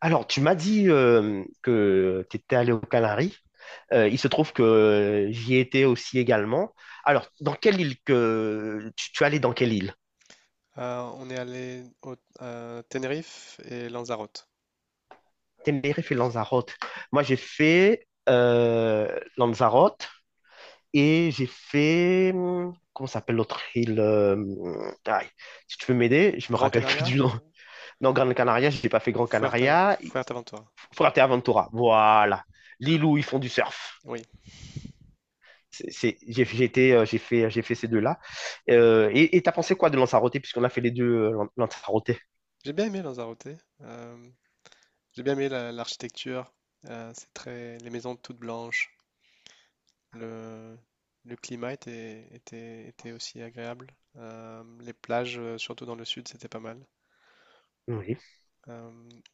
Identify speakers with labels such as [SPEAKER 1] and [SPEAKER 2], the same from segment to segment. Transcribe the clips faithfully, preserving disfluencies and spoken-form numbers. [SPEAKER 1] Alors, tu m'as dit euh, que tu étais allé aux Canaries. Euh, il se trouve que j'y étais aussi également. Alors, dans quelle île que tu, tu es allé dans quelle île?
[SPEAKER 2] Euh, on est allé au à Tenerife et Lanzarote.
[SPEAKER 1] Tenerife et Lanzarote. Moi, j'ai fait euh, Lanzarote et j'ai fait hum, comment s'appelle l'autre île? Euh, hum, aïe, si tu veux m'aider, je me
[SPEAKER 2] Grand
[SPEAKER 1] rappelle plus
[SPEAKER 2] Canaria,
[SPEAKER 1] du nom. Non, Gran Canaria, je n'ai pas fait Gran
[SPEAKER 2] Fuerta-
[SPEAKER 1] Canaria.
[SPEAKER 2] Fuerteventura.
[SPEAKER 1] Fuerteventura. Voilà, l'île où ils font du surf.
[SPEAKER 2] Oui,
[SPEAKER 1] C'est- c'est- j'ai j'ai été, euh, j'ai fait, j'ai fait ces deux-là. Euh, et et t'as pensé quoi de Lanzarote, puisqu'on a fait les deux euh, Lan- Lanzarote?
[SPEAKER 2] j'ai bien aimé Lanzarote. Euh, j'ai bien aimé la- l'architecture. Euh, c'est très, les maisons toutes blanches. Le, le climat était, était, était aussi agréable. Euh, les plages, euh, surtout dans le sud, c'était pas mal.
[SPEAKER 1] Oui,
[SPEAKER 2] Euh,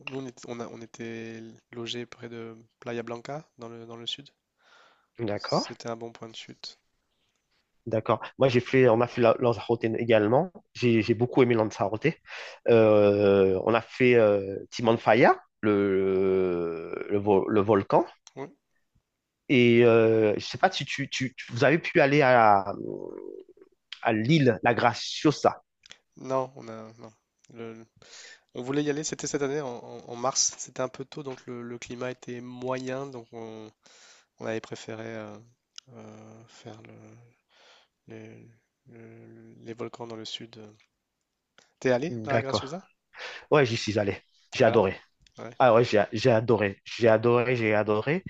[SPEAKER 2] Nous, on était, on a- on était logés près de Playa Blanca, dans le, dans le sud.
[SPEAKER 1] d'accord,
[SPEAKER 2] C'était un bon point de chute.
[SPEAKER 1] d'accord. Moi, j'ai fait, on a fait la- Lanzarote également. J'ai j'ai beaucoup aimé Lanzarote. Euh, on a fait euh, Timon Faya, le, le, vo- le volcan.
[SPEAKER 2] Oui.
[SPEAKER 1] Et euh, je sais pas si tu, tu, tu- vous avez pu aller à, à l'île La Graciosa.
[SPEAKER 2] Non, on a, non. Le, On voulait y aller, c'était cette année en, en- en mars, c'était un peu tôt, donc le, le climat était moyen, donc on, on avait préféré euh, euh, faire le- les, le- les volcans dans le sud. T'es allé dans la
[SPEAKER 1] D'accord.
[SPEAKER 2] Graciosa?
[SPEAKER 1] Ouais, j'y suis allé. J'ai
[SPEAKER 2] Alors?
[SPEAKER 1] adoré.
[SPEAKER 2] Ouais,
[SPEAKER 1] Ah ouais, j'ai j'ai adoré. J'ai adoré, j'ai adoré.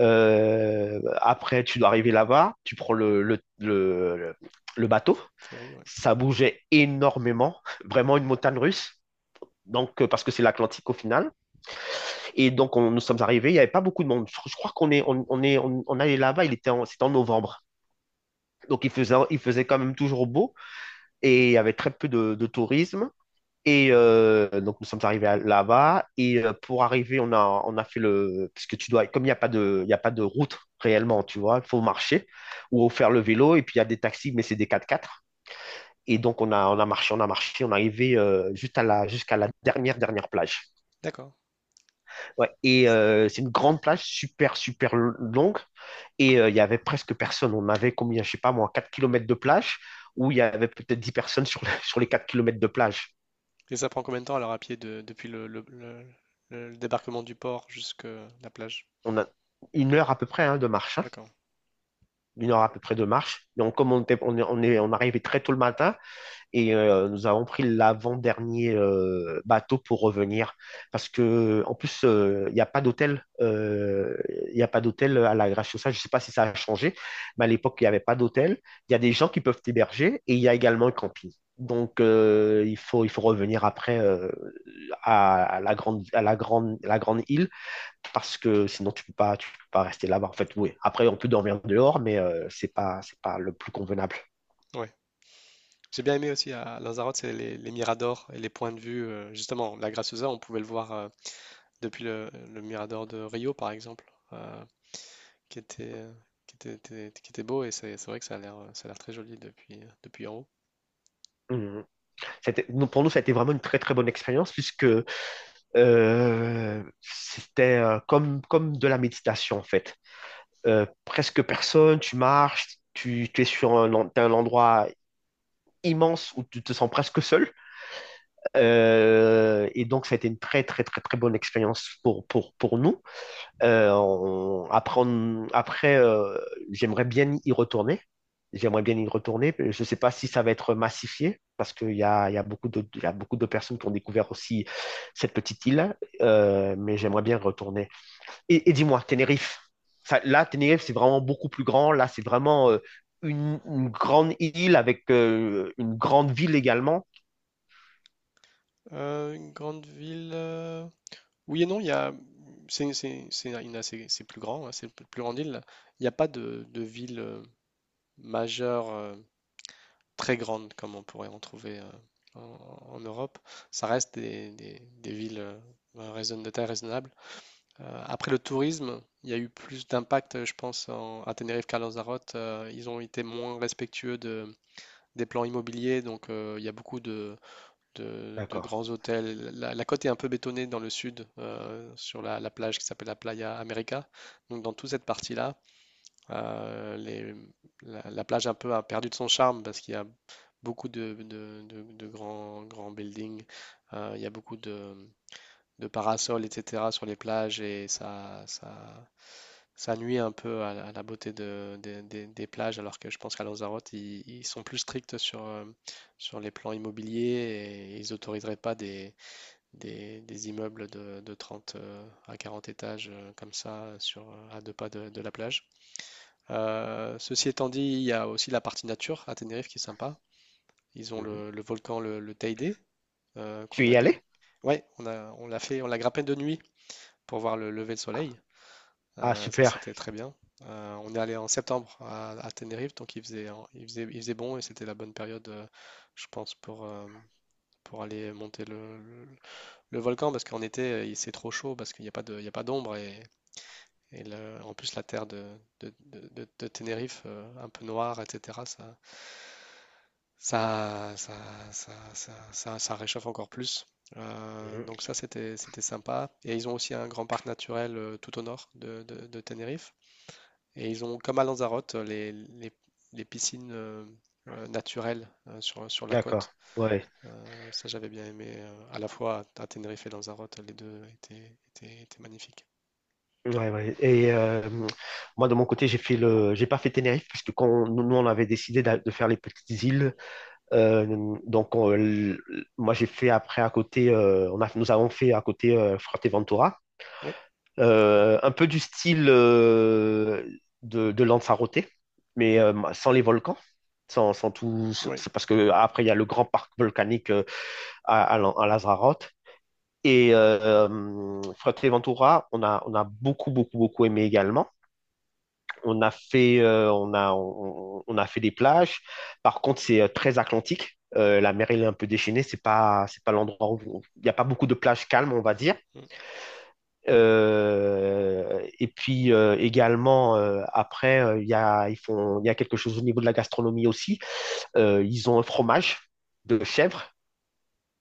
[SPEAKER 1] Euh, après, tu dois arriver là-bas, tu prends le, le, le, le- le
[SPEAKER 2] le
[SPEAKER 1] bateau.
[SPEAKER 2] f- ferry, ouais.
[SPEAKER 1] Ça bougeait énormément, vraiment une montagne russe. Donc, euh, parce que c'est l'Atlantique au final. Et donc, on- nous sommes arrivés, il n'y avait pas beaucoup de monde. Je, je crois qu'on est, on, on est, on, on allait là-bas, il était en, c'était en novembre. Donc, il faisait, il faisait quand même toujours beau et il y avait très peu de, de tourisme. Et euh, donc, nous sommes arrivés à- là-bas. Et euh, pour arriver, on a, on a fait le. Parce que tu dois. Comme il n'y a pas de, il y a pas de route réellement, tu vois, il faut marcher ou faire le vélo. Et puis, il y a des taxis, mais c'est des quatre quatre. Et donc, on a, on a marché, on a marché. On est arrivé euh, juste à la, jusqu'à la dernière, dernière plage.
[SPEAKER 2] D'accord.
[SPEAKER 1] Ouais. Et euh, c'est une grande plage, super, super longue. Et euh, il y avait presque personne. On avait combien, je sais pas moi, quatre kilomètres de plage, où il y avait peut-être dix personnes sur, le- sur les quatre kilomètres de plage.
[SPEAKER 2] Et ça prend combien de temps alors à pied de- depuis le, le- le- le débarquement du port jusqu'à la plage?
[SPEAKER 1] On a une heure à peu près hein, de marche. Hein.
[SPEAKER 2] D'accord.
[SPEAKER 1] Une heure à peu près de marche. Donc, comme on, était, on, est, on est- on arrivait très tôt le matin et euh, nous avons pris l'avant-dernier euh, bateau pour revenir. Parce que, en plus, euh, il n'y a pas d'hôtel. euh, Il n'y a pas d'hôtel à la Graciosa. Je ne sais pas si ça a changé, mais à l'époque, il n'y avait pas d'hôtel. Il y a des gens qui peuvent héberger et il y a également un camping. Donc, euh, il faut, il faut revenir après euh, à, à la grande, à la grande, la grande île parce que sinon tu peux pas, tu peux pas rester là-bas. En fait, oui. Après, on peut dormir dehors, mais euh, c'est pas, c'est pas le plus convenable.
[SPEAKER 2] Ouais. J'ai bien aimé aussi à Lanzarote, c'est les, les miradors et les points de vue. euh, justement, la Graciosa, on pouvait le voir. euh, Depuis le, le Mirador de Rio, par exemple, euh, qui était, qui était, était- qui était beau, et c'est c'est vrai que ça a l'air, ça a l'air très joli depuis, depuis en haut.
[SPEAKER 1] Mhm. C'était- nous, Pour nous, ça a été vraiment une très très bonne expérience puisque euh, c'était euh, comme, comme de la méditation en fait. Euh, presque personne, tu marches, tu, tu es sur un, en- t'as un endroit immense où tu te sens presque seul. Euh, et donc, ça a été une très très très très bonne expérience pour, pour, pour nous. Euh, on- après, on- après, euh, j'aimerais bien y retourner. J'aimerais bien y retourner. Je ne sais pas si ça va être massifié, parce qu'il y a, il y a beaucoup de, il y a beaucoup de personnes qui ont découvert aussi cette petite île, euh, mais j'aimerais bien y retourner. Et, et dis-moi, Tenerife. Ça- là, Tenerife, c'est vraiment beaucoup plus grand. Là, c'est vraiment euh, une, une grande île avec euh, une grande ville également.
[SPEAKER 2] Euh, une grande ville. euh, Oui et non, il y a. C'est c'est- c'est une assez- c'est plus grand, hein, c'est une plus grande île. Il n'y a pas de, de ville euh, majeure euh, très grande comme on pourrait en trouver euh, en, en Europe. Ça reste des, des- des villes euh, raisonn- de taille raisonnable. Euh, après le tourisme, il y a eu plus d'impact, euh, je pense, en- à Tenerife qu'à Lanzarote. Euh, ils ont été moins respectueux de, des plans immobiliers, donc euh, il y a beaucoup de, de- de
[SPEAKER 1] D'accord.
[SPEAKER 2] grands hôtels. La, la côte est un peu bétonnée dans le sud, euh, sur la, la plage qui s'appelle la Playa América. Donc dans toute cette partie-là, euh, les- la, la plage un peu a perdu de son charme parce qu'il y a beaucoup de, de- de- de grands, grands buildings. Euh, il y a beaucoup de, de parasols, et cetera sur les plages et ça, ça, ça nuit un peu à, la- à la beauté de, des des- des plages, alors que je pense qu'à Lanzarote, ils, ils sont plus stricts sur, euh, sur les plans immobiliers et ils autoriseraient pas des, des, des immeubles de, de trente euh, à quarante étages euh, comme ça euh, sur, euh, à deux pas de, de la plage. Euh, ceci étant dit, il y a aussi la partie nature à Tenerife qui est sympa. Ils ont
[SPEAKER 1] Mhm.
[SPEAKER 2] le, le volcan, le, le Teide, euh,
[SPEAKER 1] Tu
[SPEAKER 2] qu'on
[SPEAKER 1] es
[SPEAKER 2] a...
[SPEAKER 1] y allé?
[SPEAKER 2] Ouais, on a, on l'a fait, on l'a grimpé de nuit pour voir le lever de soleil.
[SPEAKER 1] Ah,
[SPEAKER 2] Euh, ça,
[SPEAKER 1] super.
[SPEAKER 2] c'était très bien. Euh, on est allé en septembre à, à Tenerife, donc il faisait, il faisait, il faisait bon et c'était la bonne période, euh, je pense, pour, euh, pour aller monter le, le- le volcan parce qu'en été, euh, il- c'est trop chaud parce qu'il n'y a pas de, il y a pas d'ombre et, et le- en plus, la terre de, de, de- de- de Tenerife, euh, un peu noire, et cetera, ça, ça, ça, ça, ça, ça- ça réchauffe encore plus. Euh,
[SPEAKER 1] Mhm.
[SPEAKER 2] donc ça, c'était, c'était sympa. Et ils ont aussi un grand parc naturel euh, tout au nord de, de de Tenerife. Et ils ont, comme à Lanzarote, les, les- les piscines euh, euh, naturelles euh, sur, sur la côte.
[SPEAKER 1] D'accord. Ouais.
[SPEAKER 2] Euh, ça, j'avais bien aimé euh, à la fois à Tenerife et Lanzarote, les deux étaient, étaient- étaient magnifiques.
[SPEAKER 1] Ouais, ouais. Et euh, moi, de mon côté, j'ai fait le... j'ai pas fait Tenerife, puisque quand on- nous, on avait décidé d'a- de faire les petites îles, euh, donc on- l- moi, j'ai fait après à côté, euh, on a, nous avons fait à côté euh, Fuerteventura,
[SPEAKER 2] Oui,
[SPEAKER 1] Euh, un peu du style euh, de, de Lanzarote, mais euh, sans les volcans, sans, sans tout.
[SPEAKER 2] oui,
[SPEAKER 1] C'est parce que après, il y a le grand parc volcanique euh, à, à, Lan- à Lanzarote. Et euh, euh, Fuerteventura, on a, on a beaucoup, beaucoup, beaucoup aimé également. On a fait, euh, on a, on, on a fait des plages. Par contre, c'est euh, très atlantique. Euh, la mer, elle est un peu déchaînée. C'est pas, c'est pas l'endroit où il n'y a pas beaucoup de plages calmes, on va dire.
[SPEAKER 2] mm.
[SPEAKER 1] Euh, et puis euh, également, euh, après, euh, il y a, ils font, il y a quelque chose au niveau de la gastronomie aussi. Euh, ils ont un fromage de chèvre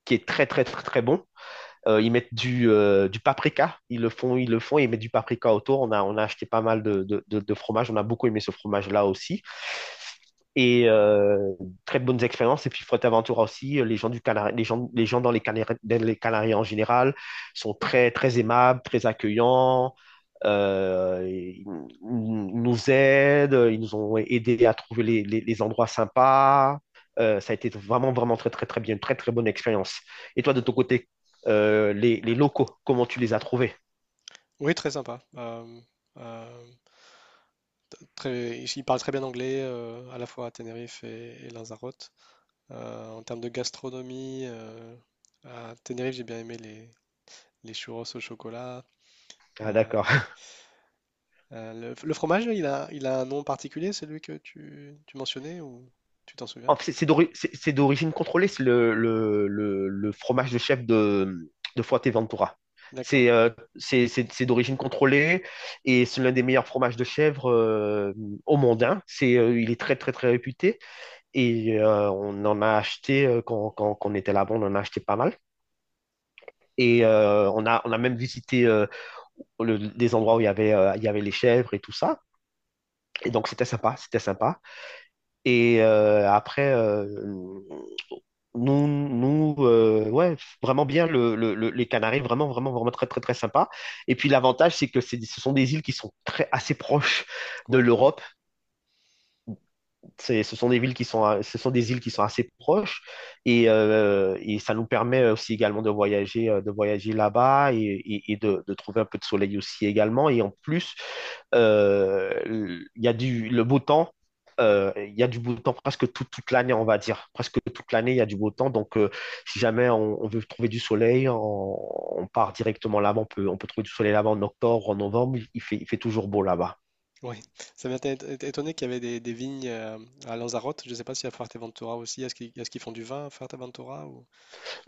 [SPEAKER 1] qui est très, très, très, très bon. Euh, ils mettent du, euh, du paprika, ils le font, ils le font, ils mettent du paprika autour. On a, on a acheté pas mal de, de, de, de fromage, on a beaucoup aimé ce fromage-là aussi. Et euh, très bonnes expériences. Et puis Fuerteventura aussi, euh, les gens du Canari- les gens, les gens dans les Canaries, dans les Canaries en général sont très, très aimables, très accueillants. Euh, ils ils nous aident, ils nous ont aidés à trouver les, les- les endroits sympas. Euh, ça a été vraiment, vraiment très, très, très bien, une très, très bonne expérience. Et toi, de ton côté, euh, les, les, locaux, comment tu les as trouvés.
[SPEAKER 2] Oui, très sympa. Euh, euh, t- Très, ils parlent très bien anglais euh, à la fois à Tenerife et, et Lanzarote. Euh, en termes de gastronomie, euh, à Tenerife, j'ai bien aimé les, les churros au chocolat.
[SPEAKER 1] Ah,
[SPEAKER 2] Euh,
[SPEAKER 1] d'accord.
[SPEAKER 2] Euh, le, le, fromage, là, il a, il a un nom particulier, celui que tu, tu mentionnais, ou tu t'en souviens?
[SPEAKER 1] En fait, c'est d'ori- c'est- c'est d'origine contrôlée, c'est le, le, le, le fromage de chef de, de Fuerteventura.
[SPEAKER 2] D'accord.
[SPEAKER 1] C'est euh, c'est c'est- c'est d'origine contrôlée et c'est l'un des meilleurs fromages de chèvre euh, au monde. Hein. C'est, euh, il est très, très, très réputé et euh, on en a acheté, euh, quand, quand, quand on était là-bas, on en a acheté pas mal. Et euh, on a, on a même visité euh, le- des endroits où il y avait, euh, il y avait les chèvres et tout ça. Et donc, c'était sympa, c'était sympa. Et euh, après, euh, nous, nous euh, ouais, vraiment bien, le, le- le- les Canaries, vraiment, vraiment, vraiment très, très, très sympa. Et puis l'avantage, c'est que c'est, ce sont des îles qui sont très, assez proches de
[SPEAKER 2] Oui,
[SPEAKER 1] l'Europe. C'est, ce sont des villes qui sont, ce sont des îles qui sont assez proches et, euh, et ça nous permet aussi également de voyager, euh, de voyager là-bas et, et- et de, de trouver un peu de soleil aussi également. Et en plus, euh, il y a du, le beau temps. Euh, il y a du beau temps presque tout- toute l'année, on va dire. Presque toute l'année, il y a du beau temps. Donc, euh, si jamais on, on veut trouver du soleil, on, on part directement là-bas. On peut, on peut trouver du soleil là-bas en octobre, en novembre. Il fait, il fait toujours beau là-bas.
[SPEAKER 2] oui. Ça m'a été- été étonné qu'il y avait des, des vignes euh, à Lanzarote. Je ne sais pas si à Fuerteventura aussi, est-ce qu'ils est-ce qu'ils font du vin à Fuerteventura ou...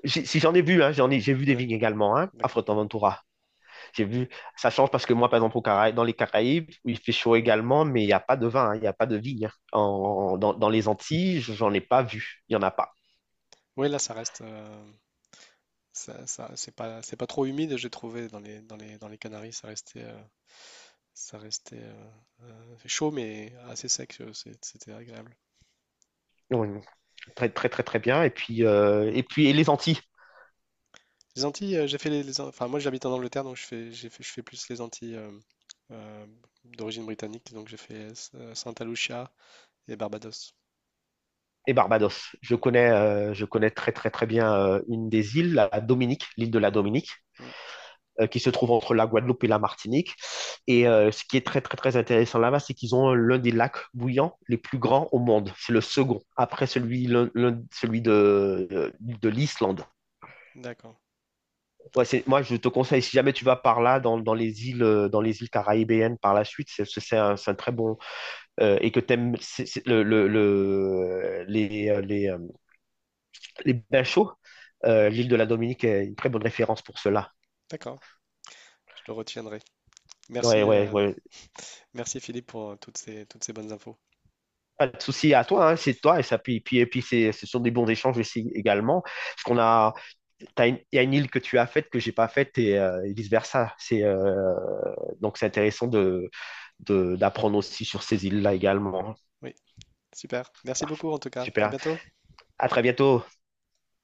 [SPEAKER 1] j'ai- Si j'en ai vu, hein, j'en ai, j'ai vu des
[SPEAKER 2] Ouais,
[SPEAKER 1] vignes également hein, à
[SPEAKER 2] d'accord.
[SPEAKER 1] Fuerteventura. J'ai vu, ça change parce que moi, par exemple, au Cara- dans les Caraïbes, où il fait chaud également, mais il n'y a pas de vin, hein, il n'y a pas de vigne. Hein. En- dans, dans les Antilles, j'en ai pas vu, il n'y en a pas.
[SPEAKER 2] Oui, là, ça reste... euh, ça, ça- c'est pas, c'est pas trop humide, j'ai trouvé, dans les, dans les, dans les Canaries. Ça restait, euh, ça restait euh, chaud, mais assez sec. euh, c'est- C'était agréable.
[SPEAKER 1] Donc, très, très, très, très bien. Et puis, euh, et puis et les Antilles
[SPEAKER 2] Les Antilles, euh, j'ai fait les, les An- enfin moi j'habite en Angleterre donc je fais, j'ai fait, je fais plus les Antilles euh, euh, d'origine britannique donc j'ai fait euh, Santa Lucia et Barbados.
[SPEAKER 1] et Barbados. Je
[SPEAKER 2] Mm,
[SPEAKER 1] connais, euh, je connais très, très, très bien euh, une des îles, la Dominique, l'île de la
[SPEAKER 2] mm,
[SPEAKER 1] Dominique.
[SPEAKER 2] mm.
[SPEAKER 1] Euh, qui se trouve entre la Guadeloupe et la Martinique. Et euh, ce qui est très, très, très intéressant là-bas, c'est qu'ils ont euh, l'un des lacs bouillants les plus grands au monde. C'est le second, après celui, l'un- l'un- celui de, de de l'Islande.
[SPEAKER 2] D'accord,
[SPEAKER 1] Ouais, c'est, moi, je te conseille, si jamais tu vas par là, dans, dans les îles, euh, dans les îles caraïbéennes par la suite, c'est c'est- c'est un, c'est un très bon. Euh, et que tu aimes le, le- le- les, euh, les, euh, les bains chauds, euh, l'île de la Dominique est une très bonne référence pour cela.
[SPEAKER 2] d'accord, je le retiendrai.
[SPEAKER 1] Ouais,
[SPEAKER 2] Merci,
[SPEAKER 1] ouais,
[SPEAKER 2] euh,
[SPEAKER 1] ouais.
[SPEAKER 2] Merci Philippe pour euh, toutes ces, toutes ces bonnes infos.
[SPEAKER 1] Pas de souci à toi, hein, c'est toi. Et, ça, puis, puis- et puis c'est, ce sont des bons échanges aussi également. Parce qu'on a, t'as une- il y a une île que tu as faite que j'ai pas faite et, euh, et vice-versa. C'est, euh, donc c'est intéressant de, de- d'apprendre aussi sur ces îles-là également.
[SPEAKER 2] Oui, super. Merci
[SPEAKER 1] Parfait.
[SPEAKER 2] beaucoup en tout cas. À
[SPEAKER 1] Super.
[SPEAKER 2] bientôt.
[SPEAKER 1] À très bientôt.